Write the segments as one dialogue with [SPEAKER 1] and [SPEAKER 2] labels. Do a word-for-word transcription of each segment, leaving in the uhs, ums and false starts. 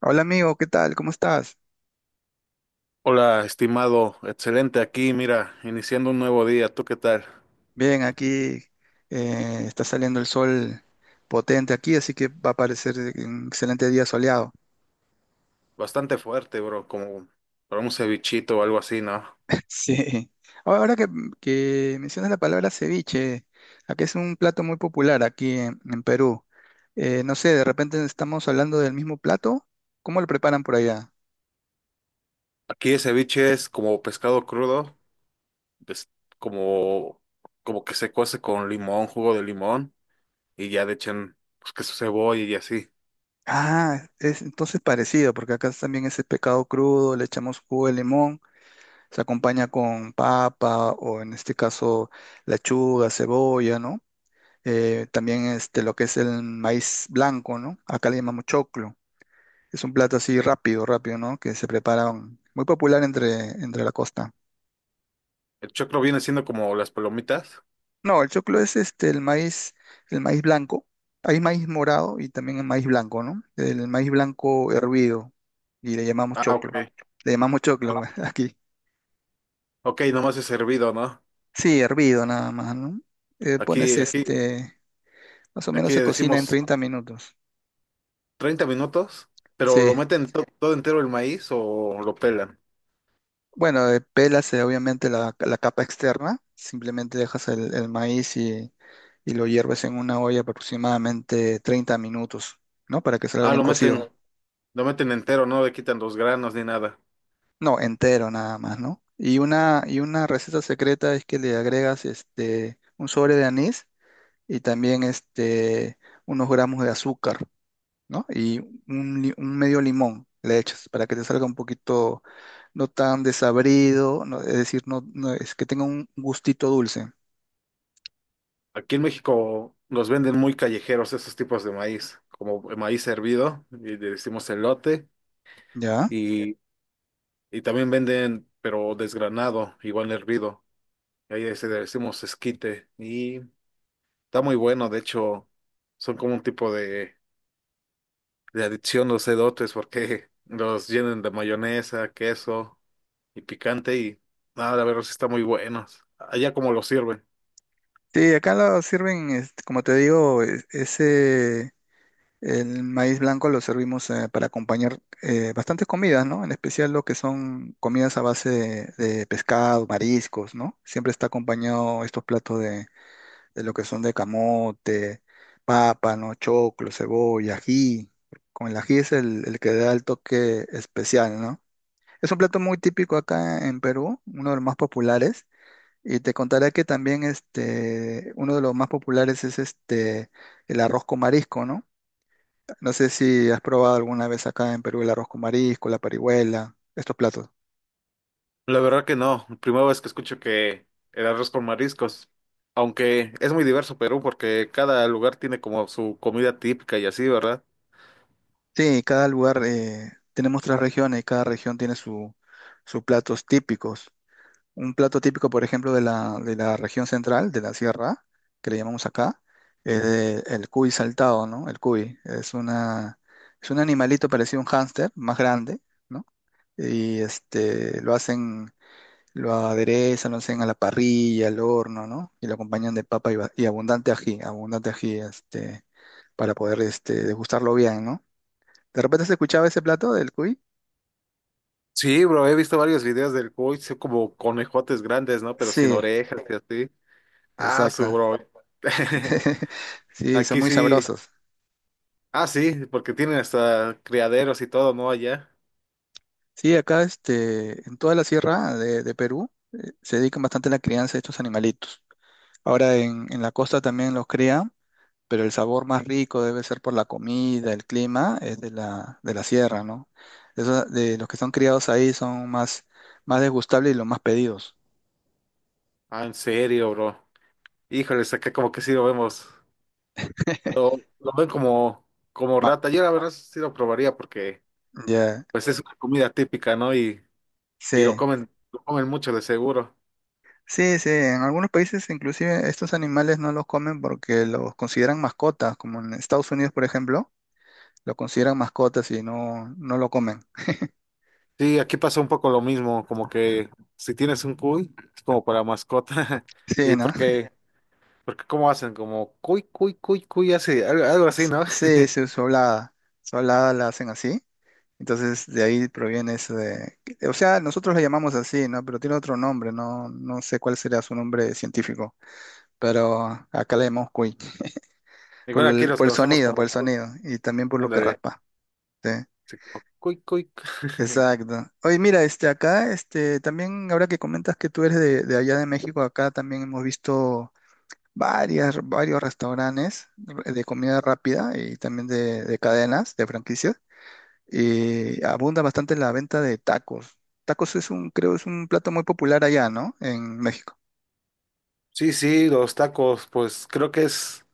[SPEAKER 1] Hola amigo, ¿qué tal? ¿Cómo estás?
[SPEAKER 2] Hola, estimado, excelente aquí, mira, iniciando un nuevo día, ¿tú qué tal?
[SPEAKER 1] Bien, aquí eh, está saliendo el sol potente aquí, así que va a parecer un excelente día soleado.
[SPEAKER 2] Bastante fuerte, bro, como para un cevichito o algo así, ¿no?
[SPEAKER 1] Sí. Ahora que, que mencionas la palabra ceviche, aquí es un plato muy popular aquí en, en Perú. Eh, no sé, de repente estamos hablando del mismo plato. ¿Cómo lo preparan por allá?
[SPEAKER 2] Aquí el ceviche es como pescado crudo, es como, como que se cuece con limón, jugo de limón, y ya le echan, pues, que su cebolla y así.
[SPEAKER 1] Ah, es entonces parecido, porque acá también es el pescado crudo, le echamos jugo de limón. Se acompaña con papa o en este caso lechuga, cebolla, ¿no? Eh, también este, lo que es el maíz blanco, ¿no? Acá le llamamos choclo. Es un plato así rápido, rápido, ¿no? Que se prepara um, muy popular entre, entre la costa.
[SPEAKER 2] El choclo viene siendo como las palomitas.
[SPEAKER 1] No, el choclo es este, el maíz, el maíz blanco. Hay maíz morado y también el maíz blanco, ¿no? El maíz blanco hervido y le llamamos
[SPEAKER 2] Ah,
[SPEAKER 1] choclo.
[SPEAKER 2] ok.
[SPEAKER 1] Le llamamos choclo aquí.
[SPEAKER 2] Ok, nomás es servido, ¿no?
[SPEAKER 1] Sí, hervido nada más, ¿no? Eh, pones
[SPEAKER 2] Aquí, aquí,
[SPEAKER 1] este más o menos
[SPEAKER 2] Aquí
[SPEAKER 1] se
[SPEAKER 2] le
[SPEAKER 1] cocina en
[SPEAKER 2] decimos
[SPEAKER 1] treinta minutos.
[SPEAKER 2] treinta minutos, pero
[SPEAKER 1] Sí.
[SPEAKER 2] lo meten to- todo entero el maíz o lo pelan.
[SPEAKER 1] Bueno, eh, pelas eh, obviamente la, la capa externa. Simplemente dejas el, el maíz y, y lo hierves en una olla aproximadamente treinta minutos, ¿no? Para que salga
[SPEAKER 2] Ah,
[SPEAKER 1] bien
[SPEAKER 2] lo meten,
[SPEAKER 1] cocido.
[SPEAKER 2] lo meten entero, no le quitan los granos ni nada.
[SPEAKER 1] No, entero nada más, ¿no? Y una, y una receta secreta es que le agregas este, un sobre de anís y también este, unos gramos de azúcar. ¿No? Y un, li- un medio limón le echas para que te salga un poquito no tan desabrido, no- es decir, no, no- es que tenga un gustito dulce,
[SPEAKER 2] Aquí en México los venden muy callejeros esos tipos de maíz, como el maíz hervido, y le decimos elote,
[SPEAKER 1] ¿ya?
[SPEAKER 2] y, y también venden, pero desgranado, igual hervido. Y ahí se le decimos esquite, y está muy bueno, de hecho, son como un tipo de, de adicción los elotes, porque los llenan de mayonesa, queso y picante, y nada, la verdad sí está muy buenos. Allá como los sirven.
[SPEAKER 1] Sí, acá lo sirven, este, como te digo, es- ese, el maíz blanco lo servimos eh, para acompañar eh, bastantes comidas, ¿no? En especial lo que son comidas a base de, de pescado, mariscos, ¿no? Siempre está acompañado estos platos de lo que son de camote, papa, ¿no? Choclo, cebolla, ají. Con el ají es el, el que da el toque especial, ¿no? Es un plato muy típico acá en Perú, uno de los más populares. Y te contaré que también este, uno de los más populares es este, el arroz con marisco, ¿no? No sé si has probado alguna vez acá en Perú el arroz con marisco, la parihuela, estos platos.
[SPEAKER 2] La verdad que no, primera vez que escucho que el arroz con mariscos, aunque es muy diverso Perú porque cada lugar tiene como su comida típica y así, ¿verdad?
[SPEAKER 1] Sí, cada lugar, eh, tenemos tres regiones y cada región tiene su, sus platos típicos. Un plato típico, por ejemplo, de la, de la región central, de la sierra, que le llamamos acá, es de- el cuy saltado, ¿no? El cuy es una, es un animalito parecido a un hámster, más grande, ¿no? Y este, lo hacen, lo aderezan, lo hacen a la parrilla, al horno, ¿no? Y lo acompañan de papa y, ba- y abundante ají, abundante ají, este, para poder, este, degustarlo bien, ¿no? ¿De repente se escuchaba ese plato del cuy?
[SPEAKER 2] Sí, bro, he visto varios videos del cuy, son como conejotes grandes, ¿no? Pero sin
[SPEAKER 1] Sí,
[SPEAKER 2] orejas y así. Ah,
[SPEAKER 1] exacto.
[SPEAKER 2] su bro.
[SPEAKER 1] Sí, son
[SPEAKER 2] Aquí
[SPEAKER 1] muy
[SPEAKER 2] sí.
[SPEAKER 1] sabrosos.
[SPEAKER 2] Ah, sí, porque tienen hasta criaderos y todo, ¿no? Allá.
[SPEAKER 1] Sí, acá este, en toda la sierra de, de Perú eh, se dedican bastante a la crianza de estos animalitos. Ahora en, en la costa también los crían, pero el sabor más rico debe ser por la comida, el clima, es de la, de la sierra, ¿no? Eso- de los que son criados ahí son más, más degustables y los más pedidos.
[SPEAKER 2] Ah, en serio, bro. Híjoles, acá como que sí lo vemos. Lo, lo ven como, como
[SPEAKER 1] Ma-
[SPEAKER 2] rata. Yo la verdad sí lo probaría porque
[SPEAKER 1] Ya,
[SPEAKER 2] pues es una comida típica, ¿no? Y, y lo
[SPEAKER 1] sí,
[SPEAKER 2] comen, lo comen mucho de seguro.
[SPEAKER 1] sí, sí. En algunos países inclusive estos animales no los comen porque los consideran mascotas, como en Estados Unidos, por ejemplo, lo consideran mascotas y no, no lo comen.
[SPEAKER 2] Sí, aquí pasa un poco lo mismo, como que si tienes un cuy, es como para mascota.
[SPEAKER 1] Sí,
[SPEAKER 2] Y
[SPEAKER 1] ¿no?
[SPEAKER 2] porque, porque ¿cómo hacen? Como cuy, cuy, cuy, cuy, así, algo, algo así,
[SPEAKER 1] S-
[SPEAKER 2] ¿no?
[SPEAKER 1] Sí, sí, su hablada. Su hablada la hacen así. Entonces, de ahí proviene eso de... O sea, nosotros la llamamos así, ¿no? Pero tiene otro nombre, no, no sé cuál sería su nombre científico. Pero acá la llamamos cuy. Por
[SPEAKER 2] Igual aquí
[SPEAKER 1] el,
[SPEAKER 2] los
[SPEAKER 1] por el
[SPEAKER 2] conocemos
[SPEAKER 1] sonido, por
[SPEAKER 2] como
[SPEAKER 1] el
[SPEAKER 2] cuy.
[SPEAKER 1] sonido. Y también por lo que
[SPEAKER 2] Ándale,
[SPEAKER 1] raspa. Sí,
[SPEAKER 2] sí, como cuy, cuy.
[SPEAKER 1] exacto. Oye, mira, este, acá, este, también ahora que comentas que tú eres de, de allá de México, acá también hemos visto varias, varios restaurantes de comida rápida y también de de cadenas, de franquicias eh, abunda bastante en la venta de tacos. Tacos es un, creo, es un plato muy popular allá, ¿no? En México.
[SPEAKER 2] Sí, sí, los tacos, pues creo que es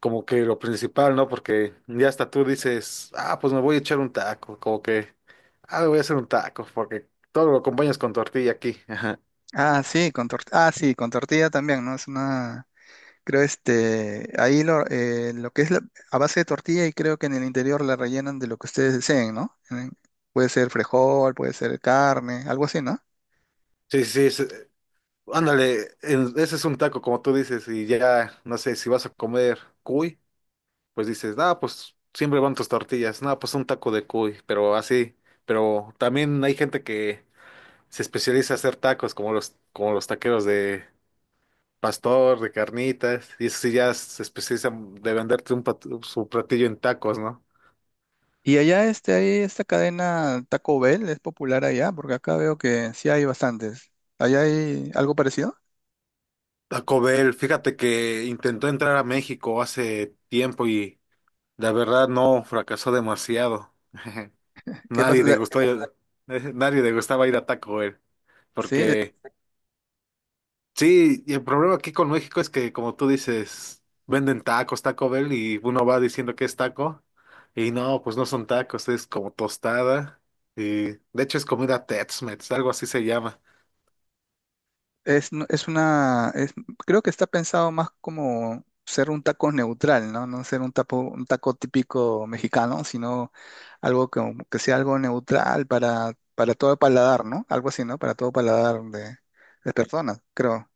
[SPEAKER 2] como que lo principal, ¿no? Porque ya hasta tú dices, ah, pues me voy a echar un taco, como que, ah, me voy a hacer un taco, porque todo lo acompañas con tortilla aquí. Ajá.
[SPEAKER 1] Ah, sí, con tor- ah, sí, con tortilla también, ¿no? Es una, creo, este, ahí lo, eh, lo que es la- a base de tortilla y creo que en el interior la rellenan de lo que ustedes deseen, ¿no? Eh, Puede ser frijol, puede ser carne, algo así, ¿no?
[SPEAKER 2] Sí, sí, sí, sí. Ándale, en- ese es un taco, como tú dices, y ya, no sé, si vas a comer cuy, pues dices, ah, pues siempre van tus tortillas, no, pues un taco de cuy, pero así, pero también hay gente que se especializa a hacer tacos, como los, como los taqueros de pastor, de carnitas, y eso sí ya se especializan de venderte un pat- su platillo en tacos, ¿no?
[SPEAKER 1] Y allá, este, ahí esta cadena Taco Bell es popular allá, porque acá veo que sí hay bastantes. ¿Allá hay algo parecido?
[SPEAKER 2] Taco Bell, fíjate que intentó entrar a México hace tiempo y la verdad no, fracasó demasiado.
[SPEAKER 1] ¿Qué
[SPEAKER 2] Nadie le
[SPEAKER 1] pasa?
[SPEAKER 2] gustó, ¿pasa? Nadie le gustaba ir a Taco Bell,
[SPEAKER 1] Sí,
[SPEAKER 2] porque sí, y el problema aquí con México es que, como tú dices, venden tacos, Taco Bell, y uno va diciendo que es taco, y no, pues no son tacos, es como tostada, y de hecho es comida Tex-Mex, algo así se llama.
[SPEAKER 1] Es, no- es una, es- creo que está pensado más como ser un taco neutral, ¿no? No ser un taco, un taco típico mexicano, sino algo que que sea algo neutral para, para todo paladar, ¿no? Algo así, ¿no? Para todo paladar de, de personas, creo.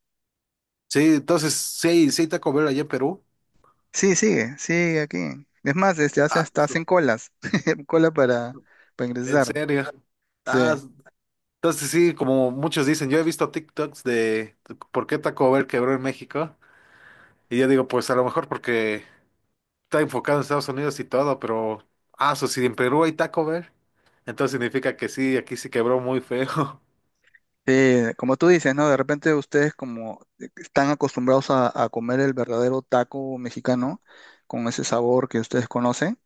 [SPEAKER 2] Sí, entonces, sí, sí, hay Taco Bell allá en Perú.
[SPEAKER 1] Sí, sigue, sigue aquí. Es más, este, hace,
[SPEAKER 2] Ah,
[SPEAKER 1] hasta
[SPEAKER 2] su-
[SPEAKER 1] hacen colas, cola para, para
[SPEAKER 2] en
[SPEAKER 1] ingresar.
[SPEAKER 2] serio.
[SPEAKER 1] Sí.
[SPEAKER 2] Ah, entonces sí, como muchos dicen, yo he visto TikToks de por qué Taco Bell quebró en México, y yo digo, pues a lo mejor porque está enfocado en Estados Unidos y todo, pero, ah, eso sí, en Perú hay Taco Bell. Entonces significa que sí, aquí sí quebró muy feo.
[SPEAKER 1] Sí, como tú dices, ¿no? De repente ustedes como e, están acostumbrados a, a comer el verdadero taco mexicano con ese sabor que ustedes conocen.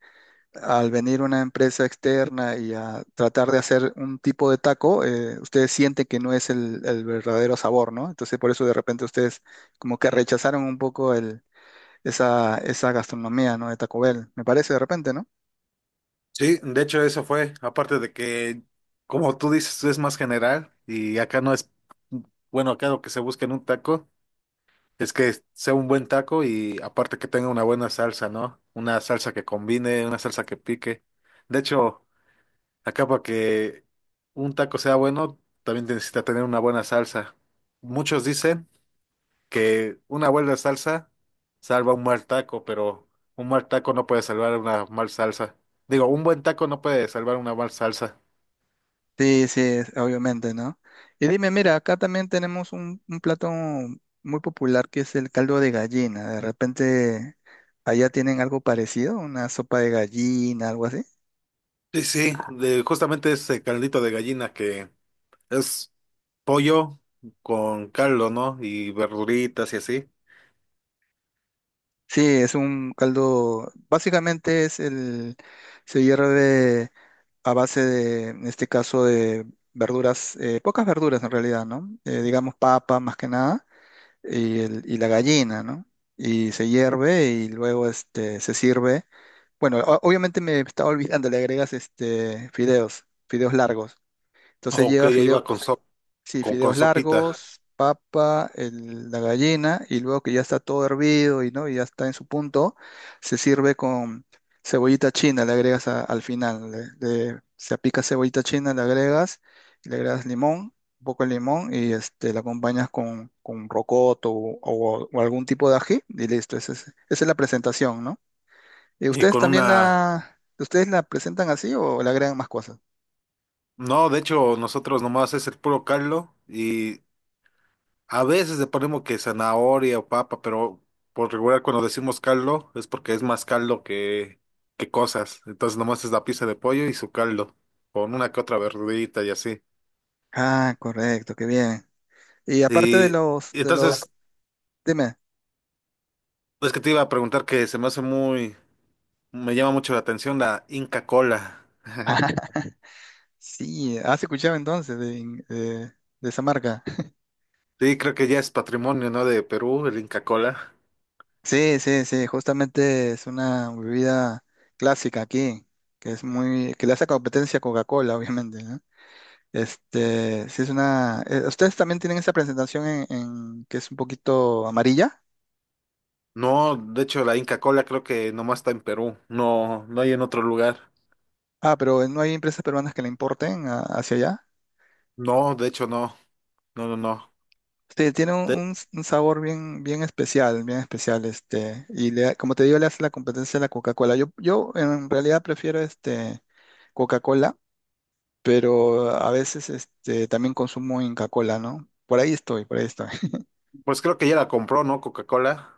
[SPEAKER 1] Al venir una empresa externa y a tratar de hacer un tipo de taco, eh, ustedes sienten que no es el, el verdadero sabor, ¿no? Entonces por eso de repente ustedes como que rechazaron un poco el, esa, esa gastronomía, ¿no? De Taco Bell, me parece de repente, ¿no?
[SPEAKER 2] Sí, de hecho eso fue, aparte de que, como tú dices, es más general y acá no es, bueno, acá lo que se busca en un taco es que sea un buen taco y aparte que tenga una buena salsa, ¿no? Una salsa que combine, una salsa que pique. De hecho, acá para que un taco sea bueno, también necesita tener una buena salsa. Muchos dicen que una buena salsa salva un mal taco, pero un mal taco no puede salvar una mal salsa. Digo, un buen taco no puede salvar una mal salsa.
[SPEAKER 1] Sí, sí, es- obviamente, ¿no? Y dime, mira, acá también tenemos un, un plato muy popular que es el caldo de gallina. De repente, allá tienen algo parecido, una sopa de gallina, algo así.
[SPEAKER 2] Sí, sí, de justamente ese caldito de gallina que es pollo con caldo, ¿no? Y verduritas y así.
[SPEAKER 1] Sí, es un caldo, básicamente es el, se hierve a base de, en este caso, de verduras, eh, pocas verduras en realidad, ¿no? Eh, digamos papa más que nada y, el- y la gallina, ¿no? Y se hierve y luego este, se sirve. Bueno, o- obviamente me estaba olvidando, le agregas este fideos, fideos largos. Entonces
[SPEAKER 2] Ok,
[SPEAKER 1] lleva
[SPEAKER 2] ya
[SPEAKER 1] fideo,
[SPEAKER 2] iba con sop-
[SPEAKER 1] sí,
[SPEAKER 2] con, con
[SPEAKER 1] fideos
[SPEAKER 2] sopita.
[SPEAKER 1] largos, papa, el- la gallina, y luego que ya está todo hervido y no, y ya está en su punto, se sirve con cebollita china, le agregas a- al final. Le- le- se apica cebollita china, le agregas, le agregas limón, un poco de limón, y este la acompañas con, con rocoto o, o- o algún tipo de ají, y listo, esa es, esa es la presentación, ¿no? ¿Y
[SPEAKER 2] Y
[SPEAKER 1] ustedes
[SPEAKER 2] con
[SPEAKER 1] también
[SPEAKER 2] una...
[SPEAKER 1] la, ustedes la presentan así o le agregan más cosas?
[SPEAKER 2] No, de hecho, nosotros nomás es el puro caldo y a veces le ponemos que zanahoria o papa, pero por regular cuando decimos caldo es porque es más caldo que, que cosas. Entonces nomás es la pieza de pollo y su caldo, con una que otra verdurita y así.
[SPEAKER 1] Ah, correcto, qué bien. Y aparte
[SPEAKER 2] Y,
[SPEAKER 1] de los,
[SPEAKER 2] y
[SPEAKER 1] de
[SPEAKER 2] entonces
[SPEAKER 1] los, dime.
[SPEAKER 2] es que te iba a preguntar que se me hace muy, me llama mucho la atención la Inca Cola.
[SPEAKER 1] Ah, sí, has escuchado entonces de, de- de esa marca.
[SPEAKER 2] Sí, creo que ya es patrimonio, ¿no? De Perú, el Inca Cola.
[SPEAKER 1] Sí, sí, sí, justamente es una bebida clásica aquí, que es muy, que le hace competencia a Coca-Cola, obviamente, ¿no? Este, sí es una, eh, ustedes también tienen esa presentación en, en- que es un poquito amarilla.
[SPEAKER 2] No, de hecho la Inca Cola creo que nomás está en Perú, no, no hay en otro lugar.
[SPEAKER 1] Ah, pero no hay empresas peruanas que la importen a- hacia allá.
[SPEAKER 2] No, de hecho no, no, no, no.
[SPEAKER 1] Sí, tiene un, un s- un sabor bien, bien especial, bien especial, este, y le, da- como te digo, le hace la competencia a la Coca-Cola. Yo, yo en realidad prefiero este Coca-Cola, pero a veces este también consumo Inca-Cola, ¿no? Por ahí estoy, por ahí estoy.
[SPEAKER 2] Pues creo que ya la compró, ¿no? Coca-Cola.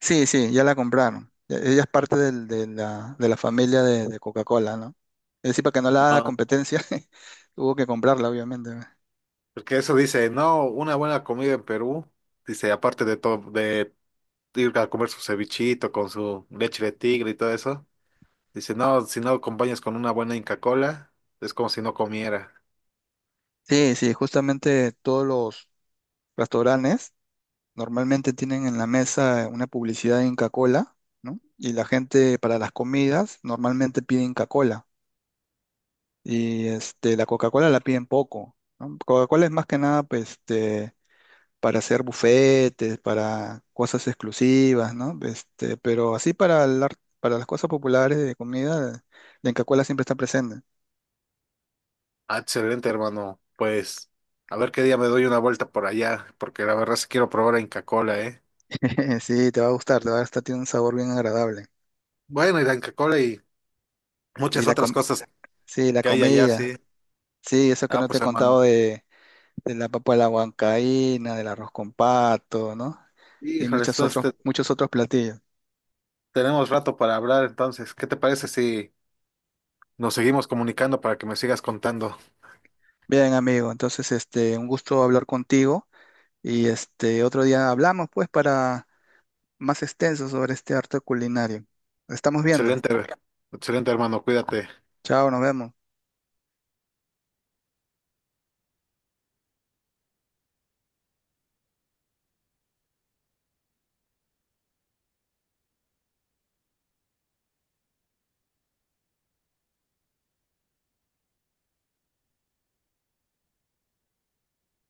[SPEAKER 1] Sí, sí, ya la compraron. E- Ella es parte del- de la, de la familia de, de Coca-Cola, ¿no? Es decir, para que no la haga
[SPEAKER 2] No.
[SPEAKER 1] competencia, tuvo que comprarla, obviamente. ¿No?
[SPEAKER 2] Porque eso dice, no, una buena comida en Perú. Dice, aparte de todo, de ir a comer su cevichito con su leche de tigre y todo eso. Dice, no, si no acompañas con una buena Inca Cola, es como si no comiera.
[SPEAKER 1] Sí, sí, justamente todos los restaurantes normalmente tienen en la mesa una publicidad de Inca-Cola, ¿no? Y la gente para las comidas normalmente pide Inca-Cola. Y este, la Coca-Cola la piden poco, ¿no? Coca-Cola es más que nada pues, este, para hacer bufetes, para cosas exclusivas, ¿no? Este, pero así para, el ar- para las cosas populares de comida, la Inca-Cola siempre está presente.
[SPEAKER 2] Ah, excelente, hermano. Pues, a ver qué día me doy una vuelta por allá, porque la verdad sí quiero probar la Inca Cola, ¿eh?
[SPEAKER 1] Sí, te va a gustar, te va a gustar, tiene un sabor bien agradable.
[SPEAKER 2] Bueno, y la Inca Cola y
[SPEAKER 1] Y
[SPEAKER 2] muchas
[SPEAKER 1] la
[SPEAKER 2] otras
[SPEAKER 1] com-
[SPEAKER 2] cosas
[SPEAKER 1] sí, la
[SPEAKER 2] que hay allá, sí.
[SPEAKER 1] comida. Sí, eso que
[SPEAKER 2] Ah,
[SPEAKER 1] no te
[SPEAKER 2] pues,
[SPEAKER 1] he
[SPEAKER 2] hermano.
[SPEAKER 1] contado de de la papa a la huancaína, del arroz con pato, ¿no? Y
[SPEAKER 2] Híjole,
[SPEAKER 1] muchos
[SPEAKER 2] entonces
[SPEAKER 1] otros,
[SPEAKER 2] te,
[SPEAKER 1] muchos otros platillos.
[SPEAKER 2] tenemos rato para hablar, entonces, ¿qué te parece si nos seguimos comunicando para que me sigas contando?
[SPEAKER 1] Bien, amigo, entonces este, un gusto hablar contigo y este otro día hablamos pues para más extenso sobre este arte culinario. Estamos viendo.
[SPEAKER 2] Excelente, excelente hermano, cuídate.
[SPEAKER 1] Chao, nos vemos.